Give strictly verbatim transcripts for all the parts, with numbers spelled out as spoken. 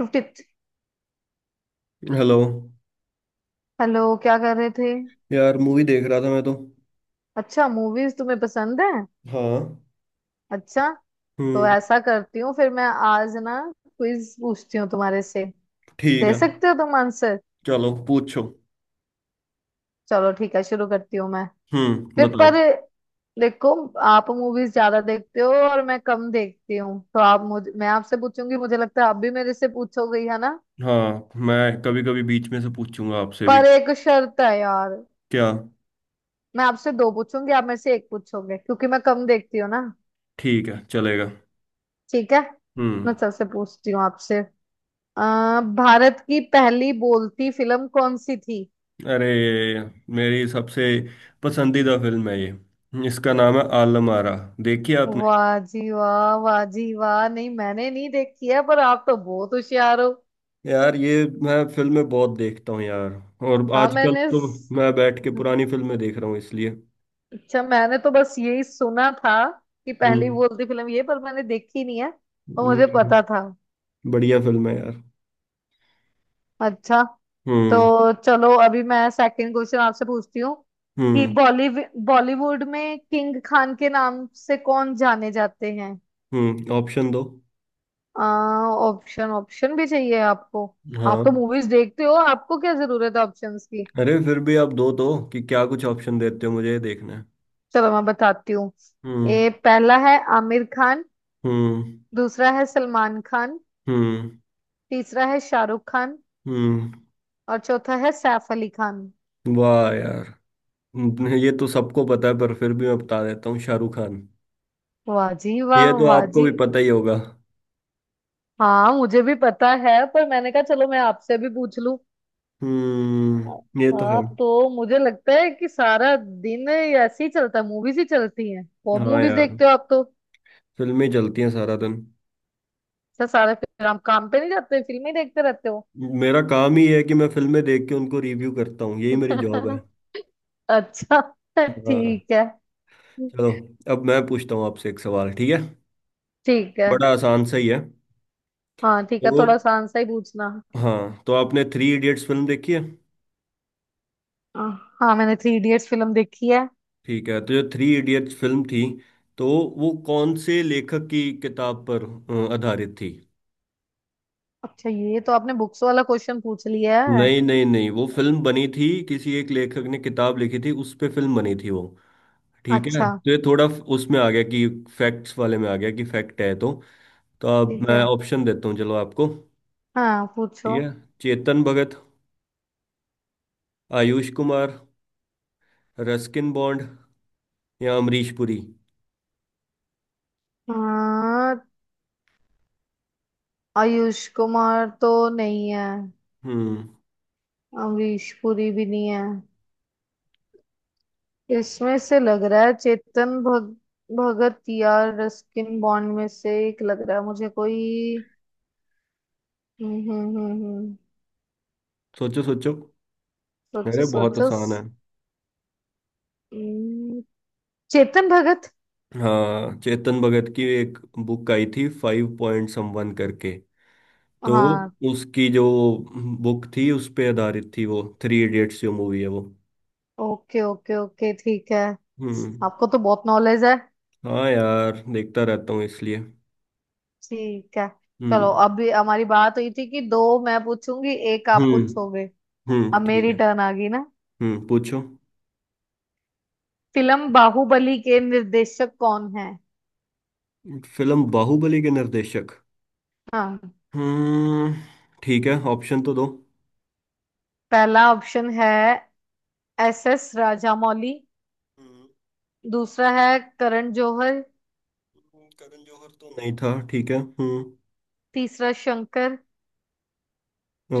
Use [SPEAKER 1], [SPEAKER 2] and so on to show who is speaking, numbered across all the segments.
[SPEAKER 1] Fifty.
[SPEAKER 2] Hello.
[SPEAKER 1] Hello, क्या कर रहे थे।
[SPEAKER 2] यार मूवी देख रहा था मैं तो।
[SPEAKER 1] अच्छा, मूवीज तुम्हें पसंद है।
[SPEAKER 2] हाँ।
[SPEAKER 1] अच्छा। तो
[SPEAKER 2] हम्म।
[SPEAKER 1] ऐसा करती हूँ फिर मैं आज ना, क्विज पूछती हूँ तुम्हारे से।
[SPEAKER 2] ठीक
[SPEAKER 1] दे
[SPEAKER 2] है,
[SPEAKER 1] सकते हो तुम आंसर।
[SPEAKER 2] चलो पूछो।
[SPEAKER 1] चलो ठीक है, शुरू करती हूँ मैं।
[SPEAKER 2] हम्म,
[SPEAKER 1] फिर
[SPEAKER 2] बताओ।
[SPEAKER 1] पर देखो, आप मूवीज ज्यादा देखते हो और मैं कम देखती हूँ, तो आप मुझ मैं आपसे पूछूंगी। मुझे लगता है आप भी मेरे से पूछोगे ही, है ना।
[SPEAKER 2] हाँ, मैं कभी कभी बीच में से पूछूंगा आपसे भी।
[SPEAKER 1] पर एक शर्त है यार।
[SPEAKER 2] क्या?
[SPEAKER 1] मैं आपसे दो पूछूंगी, आप मेरे से एक पूछोगे, क्योंकि मैं कम देखती हूँ ना।
[SPEAKER 2] ठीक है, चलेगा।
[SPEAKER 1] ठीक है, मैं
[SPEAKER 2] हम्म।
[SPEAKER 1] सबसे पूछती हूँ आपसे। अ, भारत की पहली बोलती फिल्म कौन सी थी।
[SPEAKER 2] अरे, मेरी सबसे पसंदीदा फिल्म है ये। इसका नाम है आलम आरा। देखी आपने?
[SPEAKER 1] वाह जी वाह, वाह जी वाह, नहीं मैंने नहीं देखी है, पर आप तो बहुत होशियार हो।
[SPEAKER 2] यार ये मैं फिल्में बहुत देखता हूँ यार। और
[SPEAKER 1] हाँ
[SPEAKER 2] आजकल
[SPEAKER 1] मैंने
[SPEAKER 2] तो
[SPEAKER 1] स-
[SPEAKER 2] मैं बैठ के पुरानी फिल्में देख रहा हूँ इसलिए।
[SPEAKER 1] अच्छा मैंने तो बस यही सुना था कि पहली
[SPEAKER 2] हम्म।
[SPEAKER 1] बोलती फिल्म ये, पर मैंने देखी नहीं है। और
[SPEAKER 2] नहीं,
[SPEAKER 1] मुझे
[SPEAKER 2] नहीं,
[SPEAKER 1] पता था।
[SPEAKER 2] बढ़िया फिल्म है यार।
[SPEAKER 1] अच्छा, तो
[SPEAKER 2] हम्म,
[SPEAKER 1] चलो अभी मैं सेकंड क्वेश्चन आपसे पूछती हूँ कि
[SPEAKER 2] हम्म,
[SPEAKER 1] बॉलीवुड बॉलीवुड में किंग खान के नाम से कौन जाने जाते हैं।
[SPEAKER 2] हम्म। ऑप्शन दो।
[SPEAKER 1] ऑप्शन ऑप्शन भी चाहिए आपको। आप तो
[SPEAKER 2] हाँ।
[SPEAKER 1] मूवीज देखते हो, आपको क्या जरूरत है ऑप्शंस की।
[SPEAKER 2] अरे फिर भी आप दो दो कि क्या कुछ ऑप्शन देते हो मुझे, ये देखना है।
[SPEAKER 1] चलो मैं बताती हूँ।
[SPEAKER 2] हम्म,
[SPEAKER 1] ए, पहला है आमिर खान।
[SPEAKER 2] हम्म,
[SPEAKER 1] दूसरा है सलमान खान।
[SPEAKER 2] हम्म,
[SPEAKER 1] तीसरा है शाहरुख खान।
[SPEAKER 2] हम्म।
[SPEAKER 1] और चौथा है सैफ अली खान।
[SPEAKER 2] वाह यार। हम्म, ये तो सबको पता है पर फिर भी मैं बता देता हूँ, शाहरुख खान।
[SPEAKER 1] वाह जी वाह,
[SPEAKER 2] ये तो
[SPEAKER 1] वाह
[SPEAKER 2] आपको
[SPEAKER 1] जी।
[SPEAKER 2] भी पता ही होगा।
[SPEAKER 1] हाँ मुझे भी पता है, पर मैंने कहा चलो मैं आपसे भी पूछ लूं।
[SPEAKER 2] हम्म, ये तो है।
[SPEAKER 1] आप तो मुझे लगता है कि सारा दिन ऐसे ही चलता है, मूवीज ही चलती हैं, बहुत
[SPEAKER 2] हाँ
[SPEAKER 1] मूवीज
[SPEAKER 2] यार,
[SPEAKER 1] देखते हो आप तो।
[SPEAKER 2] फिल्में चलती हैं सारा दिन।
[SPEAKER 1] अच्छा, सारे फिर आप काम पे नहीं जाते, फिल्में ही देखते रहते हो।
[SPEAKER 2] मेरा काम ही है कि मैं फिल्में देख के उनको रिव्यू करता हूँ, यही मेरी जॉब है।
[SPEAKER 1] अच्छा।
[SPEAKER 2] हाँ।
[SPEAKER 1] ठीक है।
[SPEAKER 2] चलो, अब मैं पूछता हूँ आपसे एक सवाल, ठीक है।
[SPEAKER 1] ठीक है,
[SPEAKER 2] बड़ा आसान सा ही है।
[SPEAKER 1] हाँ ठीक
[SPEAKER 2] तो
[SPEAKER 1] है, थोड़ा आसान सा ही पूछना।
[SPEAKER 2] हाँ, तो आपने थ्री इडियट्स फिल्म देखी है।
[SPEAKER 1] आ, हाँ मैंने थ्री इडियट्स फिल्म देखी है।
[SPEAKER 2] ठीक है, तो जो थ्री इडियट्स फिल्म थी, तो वो कौन से लेखक की किताब पर अ, आधारित थी?
[SPEAKER 1] अच्छा, ये तो आपने बुक्स वाला क्वेश्चन पूछ लिया है।
[SPEAKER 2] नहीं नहीं नहीं, वो फिल्म बनी थी, किसी एक लेखक ने किताब लिखी थी उस पे फिल्म बनी थी वो। ठीक है,
[SPEAKER 1] अच्छा,
[SPEAKER 2] तो ये थोड़ा फ- उसमें आ गया कि फैक्ट्स वाले में आ गया कि फैक्ट है, तो तो अब
[SPEAKER 1] ठीक
[SPEAKER 2] मैं
[SPEAKER 1] है,
[SPEAKER 2] ऑप्शन देता हूँ चलो आपको।
[SPEAKER 1] हाँ
[SPEAKER 2] ठीक
[SPEAKER 1] पूछो।
[SPEAKER 2] है। चेतन भगत, आयुष कुमार, रस्किन बॉन्ड या अमरीश पुरी।
[SPEAKER 1] हाँ, आयुष कुमार तो नहीं है।
[SPEAKER 2] हम्म,
[SPEAKER 1] अमरीश पुरी भी नहीं है। इसमें से लग रहा है चेतन भग, भगत या रस्किन बॉन्ड में से एक लग रहा है मुझे कोई। हम्म हम्म हम्म हम्म,
[SPEAKER 2] सोचो सोचो।
[SPEAKER 1] सोचो
[SPEAKER 2] अरे बहुत
[SPEAKER 1] सोचो।
[SPEAKER 2] आसान है।
[SPEAKER 1] हम्म, चेतन भगत।
[SPEAKER 2] हाँ, चेतन भगत की एक बुक आई थी, फाइव पॉइंट समवन करके। तो
[SPEAKER 1] हाँ,
[SPEAKER 2] उसकी जो बुक थी उस पे आधारित थी वो थ्री इडियट्स जो मूवी है वो।
[SPEAKER 1] ओके ओके ओके, ठीक है।
[SPEAKER 2] हम्म।
[SPEAKER 1] आपको तो बहुत नॉलेज है।
[SPEAKER 2] हाँ यार, देखता रहता हूँ इसलिए।
[SPEAKER 1] ठीक है। चलो
[SPEAKER 2] हम्म,
[SPEAKER 1] अभी हमारी बात हुई थी कि दो मैं पूछूंगी, एक आप
[SPEAKER 2] हम्म,
[SPEAKER 1] पूछोगे।
[SPEAKER 2] हम्म।
[SPEAKER 1] अब
[SPEAKER 2] ठीक
[SPEAKER 1] मेरी
[SPEAKER 2] है।
[SPEAKER 1] टर्न आ गई ना।
[SPEAKER 2] हम्म, पूछो।
[SPEAKER 1] फिल्म बाहुबली के निर्देशक कौन है।
[SPEAKER 2] फिल्म बाहुबली के निर्देशक।
[SPEAKER 1] हाँ।
[SPEAKER 2] हम्म। ठीक है, ऑप्शन तो दो।
[SPEAKER 1] पहला ऑप्शन है एस एस राजामौली।
[SPEAKER 2] हम्म,
[SPEAKER 1] दूसरा है करण जौहर।
[SPEAKER 2] करण जौहर तो नहीं था, ठीक है हम्म।
[SPEAKER 1] तीसरा शंकर।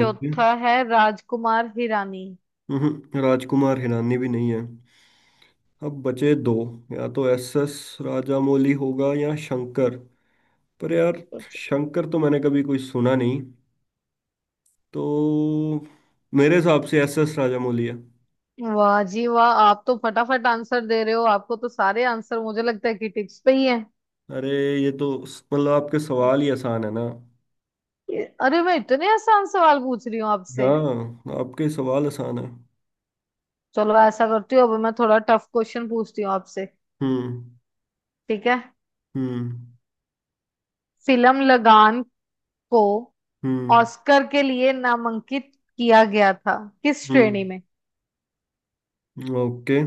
[SPEAKER 2] ओके।
[SPEAKER 1] है राजकुमार हिरानी।
[SPEAKER 2] हम्म, राजकुमार हिरानी भी नहीं है। अब बचे दो, या तो एस एस राजामौली होगा या शंकर। पर यार,
[SPEAKER 1] सोचो।
[SPEAKER 2] शंकर तो मैंने कभी कोई सुना नहीं। तो मेरे हिसाब से एस एस राजामौली है।
[SPEAKER 1] वाह जी वाह, आप तो फटाफट आंसर दे रहे हो, आपको तो सारे आंसर मुझे लगता है कि टिप्स पे ही हैं।
[SPEAKER 2] अरे ये तो, मतलब आपके सवाल ही आसान है ना।
[SPEAKER 1] ये- अरे मैं इतने आसान सवाल पूछ रही हूँ आपसे।
[SPEAKER 2] हाँ, आपके सवाल आसान है।
[SPEAKER 1] चलो ऐसा करती हूँ, अब मैं थोड़ा टफ क्वेश्चन पूछती हूँ आपसे।
[SPEAKER 2] हम्म,
[SPEAKER 1] ठीक है।
[SPEAKER 2] हम्म,
[SPEAKER 1] फिल्म लगान को
[SPEAKER 2] हम्म,
[SPEAKER 1] ऑस्कर के लिए नामांकित किया गया था किस
[SPEAKER 2] हम्म।
[SPEAKER 1] श्रेणी में।
[SPEAKER 2] ओके।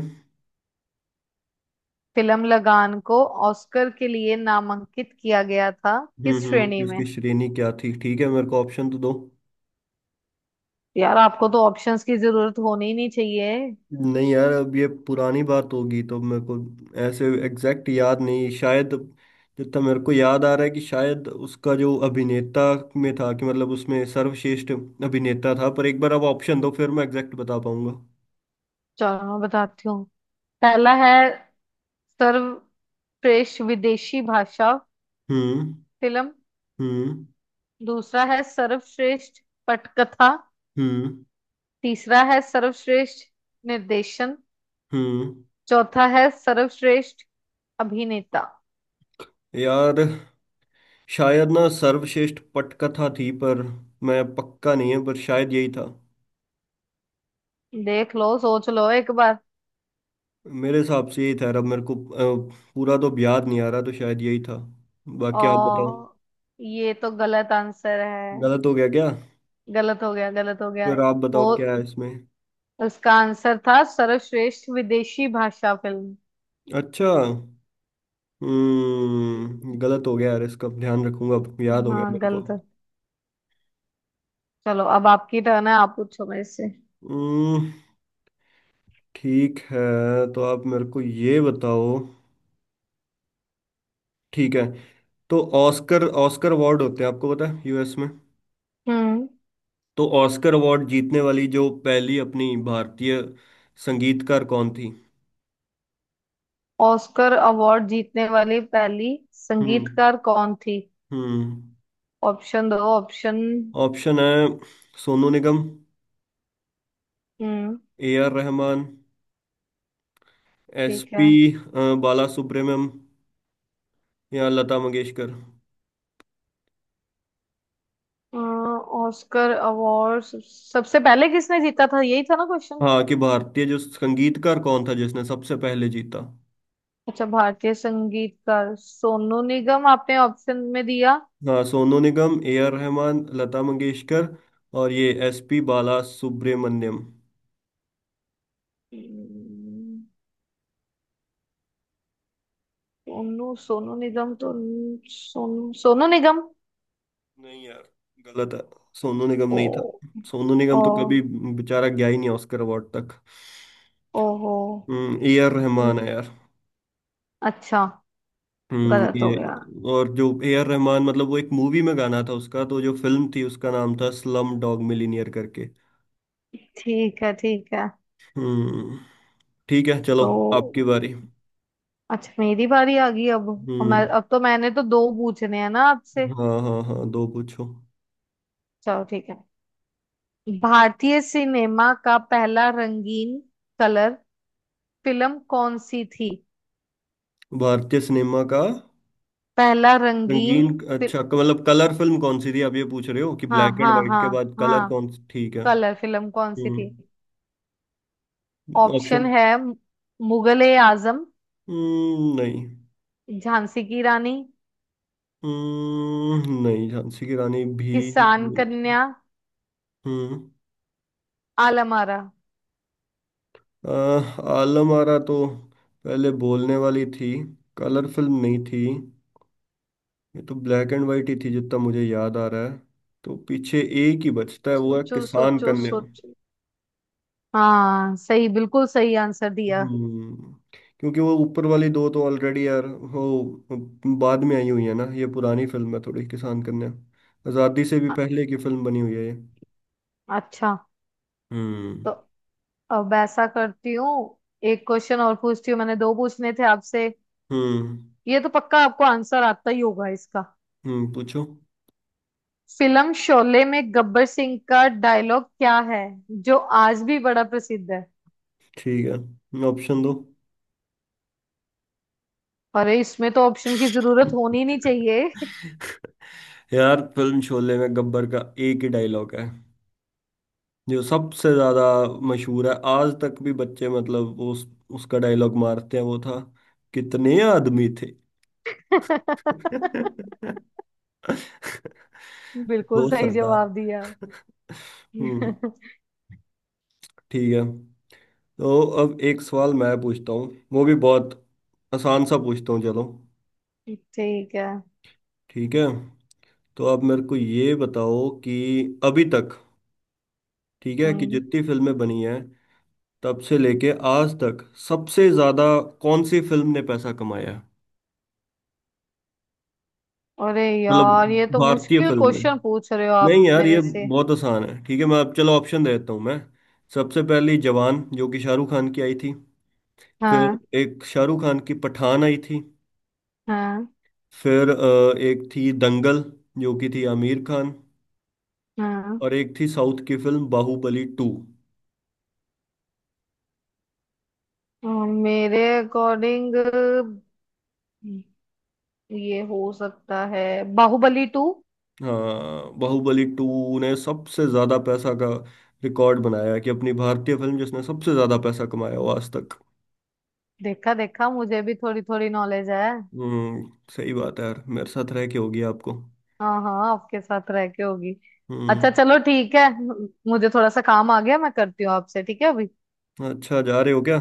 [SPEAKER 1] फिल्म लगान को ऑस्कर के लिए नामांकित किया गया था
[SPEAKER 2] हम्म,
[SPEAKER 1] किस श्रेणी
[SPEAKER 2] हम्म, इसकी
[SPEAKER 1] में।
[SPEAKER 2] श्रेणी क्या थी, ठीक है, मेरे को ऑप्शन तो दो।
[SPEAKER 1] यार आपको तो ऑप्शंस की जरूरत होनी ही नहीं चाहिए।
[SPEAKER 2] नहीं यार, अब ये पुरानी बात होगी तो मेरे को ऐसे एग्जैक्ट याद नहीं शायद। जितना मेरे को याद आ रहा है कि शायद उसका जो अभिनेता में था, कि मतलब उसमें सर्वश्रेष्ठ अभिनेता था, पर एक बार अब ऑप्शन दो फिर मैं एग्जैक्ट बता पाऊंगा।
[SPEAKER 1] चलो मैं बताती हूँ। पहला है सर्वश्रेष्ठ विदेशी भाषा
[SPEAKER 2] हम्म,
[SPEAKER 1] फिल्म।
[SPEAKER 2] हम्म,
[SPEAKER 1] दूसरा है सर्वश्रेष्ठ पटकथा।
[SPEAKER 2] हम्म,
[SPEAKER 1] तीसरा है सर्वश्रेष्ठ निर्देशन।
[SPEAKER 2] हम्म।
[SPEAKER 1] चौथा है सर्वश्रेष्ठ अभिनेता।
[SPEAKER 2] यार शायद ना सर्वश्रेष्ठ पटकथा थी, पर मैं पक्का नहीं है, पर शायद यही था।
[SPEAKER 1] देख लो, सोच लो एक बार।
[SPEAKER 2] मेरे हिसाब से यही था यार, अब मेरे को अ, पूरा तो अब याद नहीं आ रहा, तो शायद यही था। बाकी आप बताओ।
[SPEAKER 1] और ये तो गलत आंसर है।
[SPEAKER 2] गलत हो गया क्या?
[SPEAKER 1] गलत हो गया, गलत हो गया।
[SPEAKER 2] फिर आप
[SPEAKER 1] वो,
[SPEAKER 2] बताओ क्या है इसमें।
[SPEAKER 1] उसका आंसर था सर्वश्रेष्ठ विदेशी भाषा फिल्म।
[SPEAKER 2] अच्छा। हम्म, गलत हो गया यार, इसका ध्यान रखूंगा, अब याद हो गया
[SPEAKER 1] हाँ
[SPEAKER 2] मेरे को।
[SPEAKER 1] गलत है। चलो अब आपकी टर्न है, आप पूछो मेरे से।
[SPEAKER 2] हम्म, ठीक है। तो आप मेरे को ये बताओ, ठीक है, तो ऑस्कर ऑस्कर अवार्ड होते हैं, आपको पता है, यूएस में।
[SPEAKER 1] हम्म।
[SPEAKER 2] तो ऑस्कर अवार्ड जीतने वाली जो पहली अपनी भारतीय संगीतकार कौन थी?
[SPEAKER 1] ऑस्कर अवार्ड जीतने वाली पहली
[SPEAKER 2] हम्म,
[SPEAKER 1] संगीतकार कौन थी।
[SPEAKER 2] हम्म,
[SPEAKER 1] ऑप्शन दो ऑप्शन।
[SPEAKER 2] ऑप्शन है। सोनू निगम,
[SPEAKER 1] हम्म,
[SPEAKER 2] ए आर रहमान, एस
[SPEAKER 1] ठीक है।
[SPEAKER 2] पी बाला सुब्रमण्यम या लता मंगेशकर।
[SPEAKER 1] अ, ऑस्कर अवार्ड सब- सबसे पहले किसने जीता था, यही था ना क्वेश्चन।
[SPEAKER 2] हाँ, कि भारतीय जो संगीतकार कौन था जिसने सबसे पहले जीता।
[SPEAKER 1] अच्छा, भारतीय संगीतकार सोनू निगम आपने ऑप्शन में दिया।
[SPEAKER 2] हाँ, सोनू निगम, ए आर रहमान, लता मंगेशकर और ये एस पी बाला सुब्रमण्यम।
[SPEAKER 1] हम्म, सोनू सोनू निगम तो सोनू सोनू निगम।
[SPEAKER 2] नहीं यार, गलत है। सोनू निगम
[SPEAKER 1] ओ।
[SPEAKER 2] नहीं था। सोनू
[SPEAKER 1] ओ।
[SPEAKER 2] निगम तो कभी बेचारा गया ही नहीं ऑस्कर अवार्ड तक।
[SPEAKER 1] ओहो।
[SPEAKER 2] हम्म, ए आर रहमान
[SPEAKER 1] न-
[SPEAKER 2] है यार।
[SPEAKER 1] अच्छा,
[SPEAKER 2] हम्म,
[SPEAKER 1] गलत हो
[SPEAKER 2] ये।
[SPEAKER 1] गया।
[SPEAKER 2] और जो ए आर रहमान, मतलब वो एक मूवी में गाना था उसका, तो जो फिल्म थी उसका नाम था स्लम डॉग मिलीनियर करके।
[SPEAKER 1] ठीक है, ठीक है।
[SPEAKER 2] हम्म, ठीक है चलो,
[SPEAKER 1] तो
[SPEAKER 2] आपकी बारी।
[SPEAKER 1] अच्छा, मेरी बारी आ गई अब। और मैं,
[SPEAKER 2] हम्म,
[SPEAKER 1] अब तो मैंने तो दो पूछने हैं ना आपसे।
[SPEAKER 2] हाँ हाँ हाँ, दो पूछो।
[SPEAKER 1] चलो ठीक है। भारतीय सिनेमा का पहला रंगीन, कलर फिल्म कौन सी थी।
[SPEAKER 2] भारतीय सिनेमा का
[SPEAKER 1] पहला रंगीन
[SPEAKER 2] रंगीन,
[SPEAKER 1] फिल्म,
[SPEAKER 2] अच्छा, क- मतलब कलर फिल्म कौन सी थी आप ये पूछ रहे हो, कि
[SPEAKER 1] हाँ
[SPEAKER 2] ब्लैक एंड
[SPEAKER 1] हाँ
[SPEAKER 2] व्हाइट
[SPEAKER 1] हाँ
[SPEAKER 2] के बाद कलर
[SPEAKER 1] हाँ,
[SPEAKER 2] कौन सी, ठीक है।
[SPEAKER 1] कलर फिल्म कौन सी थी।
[SPEAKER 2] हम्म।
[SPEAKER 1] Option
[SPEAKER 2] option.
[SPEAKER 1] है मुगले आजम,
[SPEAKER 2] हम्म, नहीं।
[SPEAKER 1] झांसी की रानी,
[SPEAKER 2] हम्म, नहीं, झांसी की रानी भी
[SPEAKER 1] किसान
[SPEAKER 2] नहीं।
[SPEAKER 1] कन्या,
[SPEAKER 2] हम्म।
[SPEAKER 1] आलम आरा।
[SPEAKER 2] आह, आलम आरा तो पहले बोलने वाली थी, कलर फिल्म नहीं थी, ये तो ब्लैक एंड व्हाइट ही थी जितना मुझे याद आ रहा है। तो पीछे एक ही बचता है, वो है
[SPEAKER 1] सोचो
[SPEAKER 2] किसान
[SPEAKER 1] सोचो
[SPEAKER 2] कन्या।
[SPEAKER 1] सोचो। हाँ सही, बिल्कुल सही आंसर दिया।
[SPEAKER 2] हम्म। क्योंकि वो ऊपर वाली दो तो ऑलरेडी यार वो बाद में आई हुई है ना, ये पुरानी फिल्म है थोड़ी किसान कन्या। आज़ादी से भी
[SPEAKER 1] अ-
[SPEAKER 2] पहले की फिल्म बनी हुई है ये।
[SPEAKER 1] अच्छा।
[SPEAKER 2] हम्म,
[SPEAKER 1] तो अब ऐसा करती हूँ, एक क्वेश्चन और पूछती हूँ, मैंने दो पूछने थे आपसे।
[SPEAKER 2] हम्म।
[SPEAKER 1] ये तो पक्का आपको आंसर आता ही होगा इसका।
[SPEAKER 2] हम्म, पूछो।
[SPEAKER 1] फिल्म शोले में गब्बर सिंह का डायलॉग क्या है, जो आज भी बड़ा प्रसिद्ध है।
[SPEAKER 2] ठीक है, ऑप्शन दो।
[SPEAKER 1] अरे इसमें तो ऑप्शन की जरूरत होनी नहीं चाहिए।
[SPEAKER 2] यार फिल्म शोले में गब्बर का एक ही डायलॉग है जो सबसे ज्यादा मशहूर है, आज तक भी बच्चे, मतलब उस उसका डायलॉग मारते हैं, वो था, कितने आदमी थे।
[SPEAKER 1] बिल्कुल
[SPEAKER 2] दो
[SPEAKER 1] सही
[SPEAKER 2] सरदार।
[SPEAKER 1] जवाब दिया।
[SPEAKER 2] हम्म।
[SPEAKER 1] ठीक
[SPEAKER 2] ठीक है। तो अब एक सवाल मैं पूछता हूँ, वो भी बहुत आसान सा पूछता हूँ, चलो,
[SPEAKER 1] है।
[SPEAKER 2] ठीक है। तो अब मेरे को ये बताओ कि अभी तक, ठीक है, कि
[SPEAKER 1] हम्म,
[SPEAKER 2] जितनी फिल्में बनी हैं तब से लेके आज तक, सबसे ज्यादा कौन सी फिल्म ने पैसा कमाया है?
[SPEAKER 1] अरे
[SPEAKER 2] मतलब
[SPEAKER 1] यार ये तो
[SPEAKER 2] भारतीय
[SPEAKER 1] मुश्किल
[SPEAKER 2] फिल्म में।
[SPEAKER 1] क्वेश्चन पूछ रहे हो आप
[SPEAKER 2] नहीं यार
[SPEAKER 1] मेरे
[SPEAKER 2] ये
[SPEAKER 1] से।
[SPEAKER 2] बहुत आसान है, ठीक है, मैं अब चलो ऑप्शन दे देता हूँ मैं। सबसे पहली जवान, जो कि शाहरुख खान की आई थी। फिर
[SPEAKER 1] हाँ
[SPEAKER 2] एक शाहरुख खान की पठान आई थी।
[SPEAKER 1] हाँ
[SPEAKER 2] फिर अ, एक थी दंगल, जो कि थी आमिर खान।
[SPEAKER 1] हाँ।
[SPEAKER 2] और एक थी साउथ की फिल्म बाहुबली टू।
[SPEAKER 1] और मेरे अकॉर्डिंग ये हो सकता है बाहुबली टू।
[SPEAKER 2] हाँ, बाहुबली टू ने सबसे ज्यादा पैसा का रिकॉर्ड बनाया कि अपनी भारतीय फिल्म जिसने सबसे ज्यादा पैसा कमाया हो आज तक।
[SPEAKER 1] देखा देखा, मुझे भी थोड़ी थोड़ी नॉलेज है।
[SPEAKER 2] हम्म, सही बात है यार, मेरे साथ रह के होगी आपको।
[SPEAKER 1] हाँ हाँ, आपके साथ रह के होगी। अच्छा
[SPEAKER 2] हम्म।
[SPEAKER 1] चलो ठीक है, मुझे थोड़ा सा काम आ गया, मैं करती हूँ आपसे, ठीक है अभी।
[SPEAKER 2] अच्छा, जा रहे हो क्या?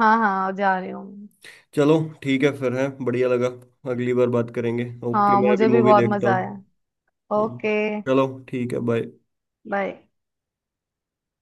[SPEAKER 1] हाँ हाँ जा रही हूँ।
[SPEAKER 2] चलो, ठीक है फिर है, बढ़िया लगा। अगली बार बात करेंगे, ओके,
[SPEAKER 1] हाँ
[SPEAKER 2] मैं अभी
[SPEAKER 1] मुझे भी
[SPEAKER 2] मूवी
[SPEAKER 1] बहुत
[SPEAKER 2] देखता
[SPEAKER 1] मजा
[SPEAKER 2] हूँ।
[SPEAKER 1] आया।
[SPEAKER 2] हम्म,
[SPEAKER 1] ओके।
[SPEAKER 2] चलो ठीक है, बाय।
[SPEAKER 1] बाय।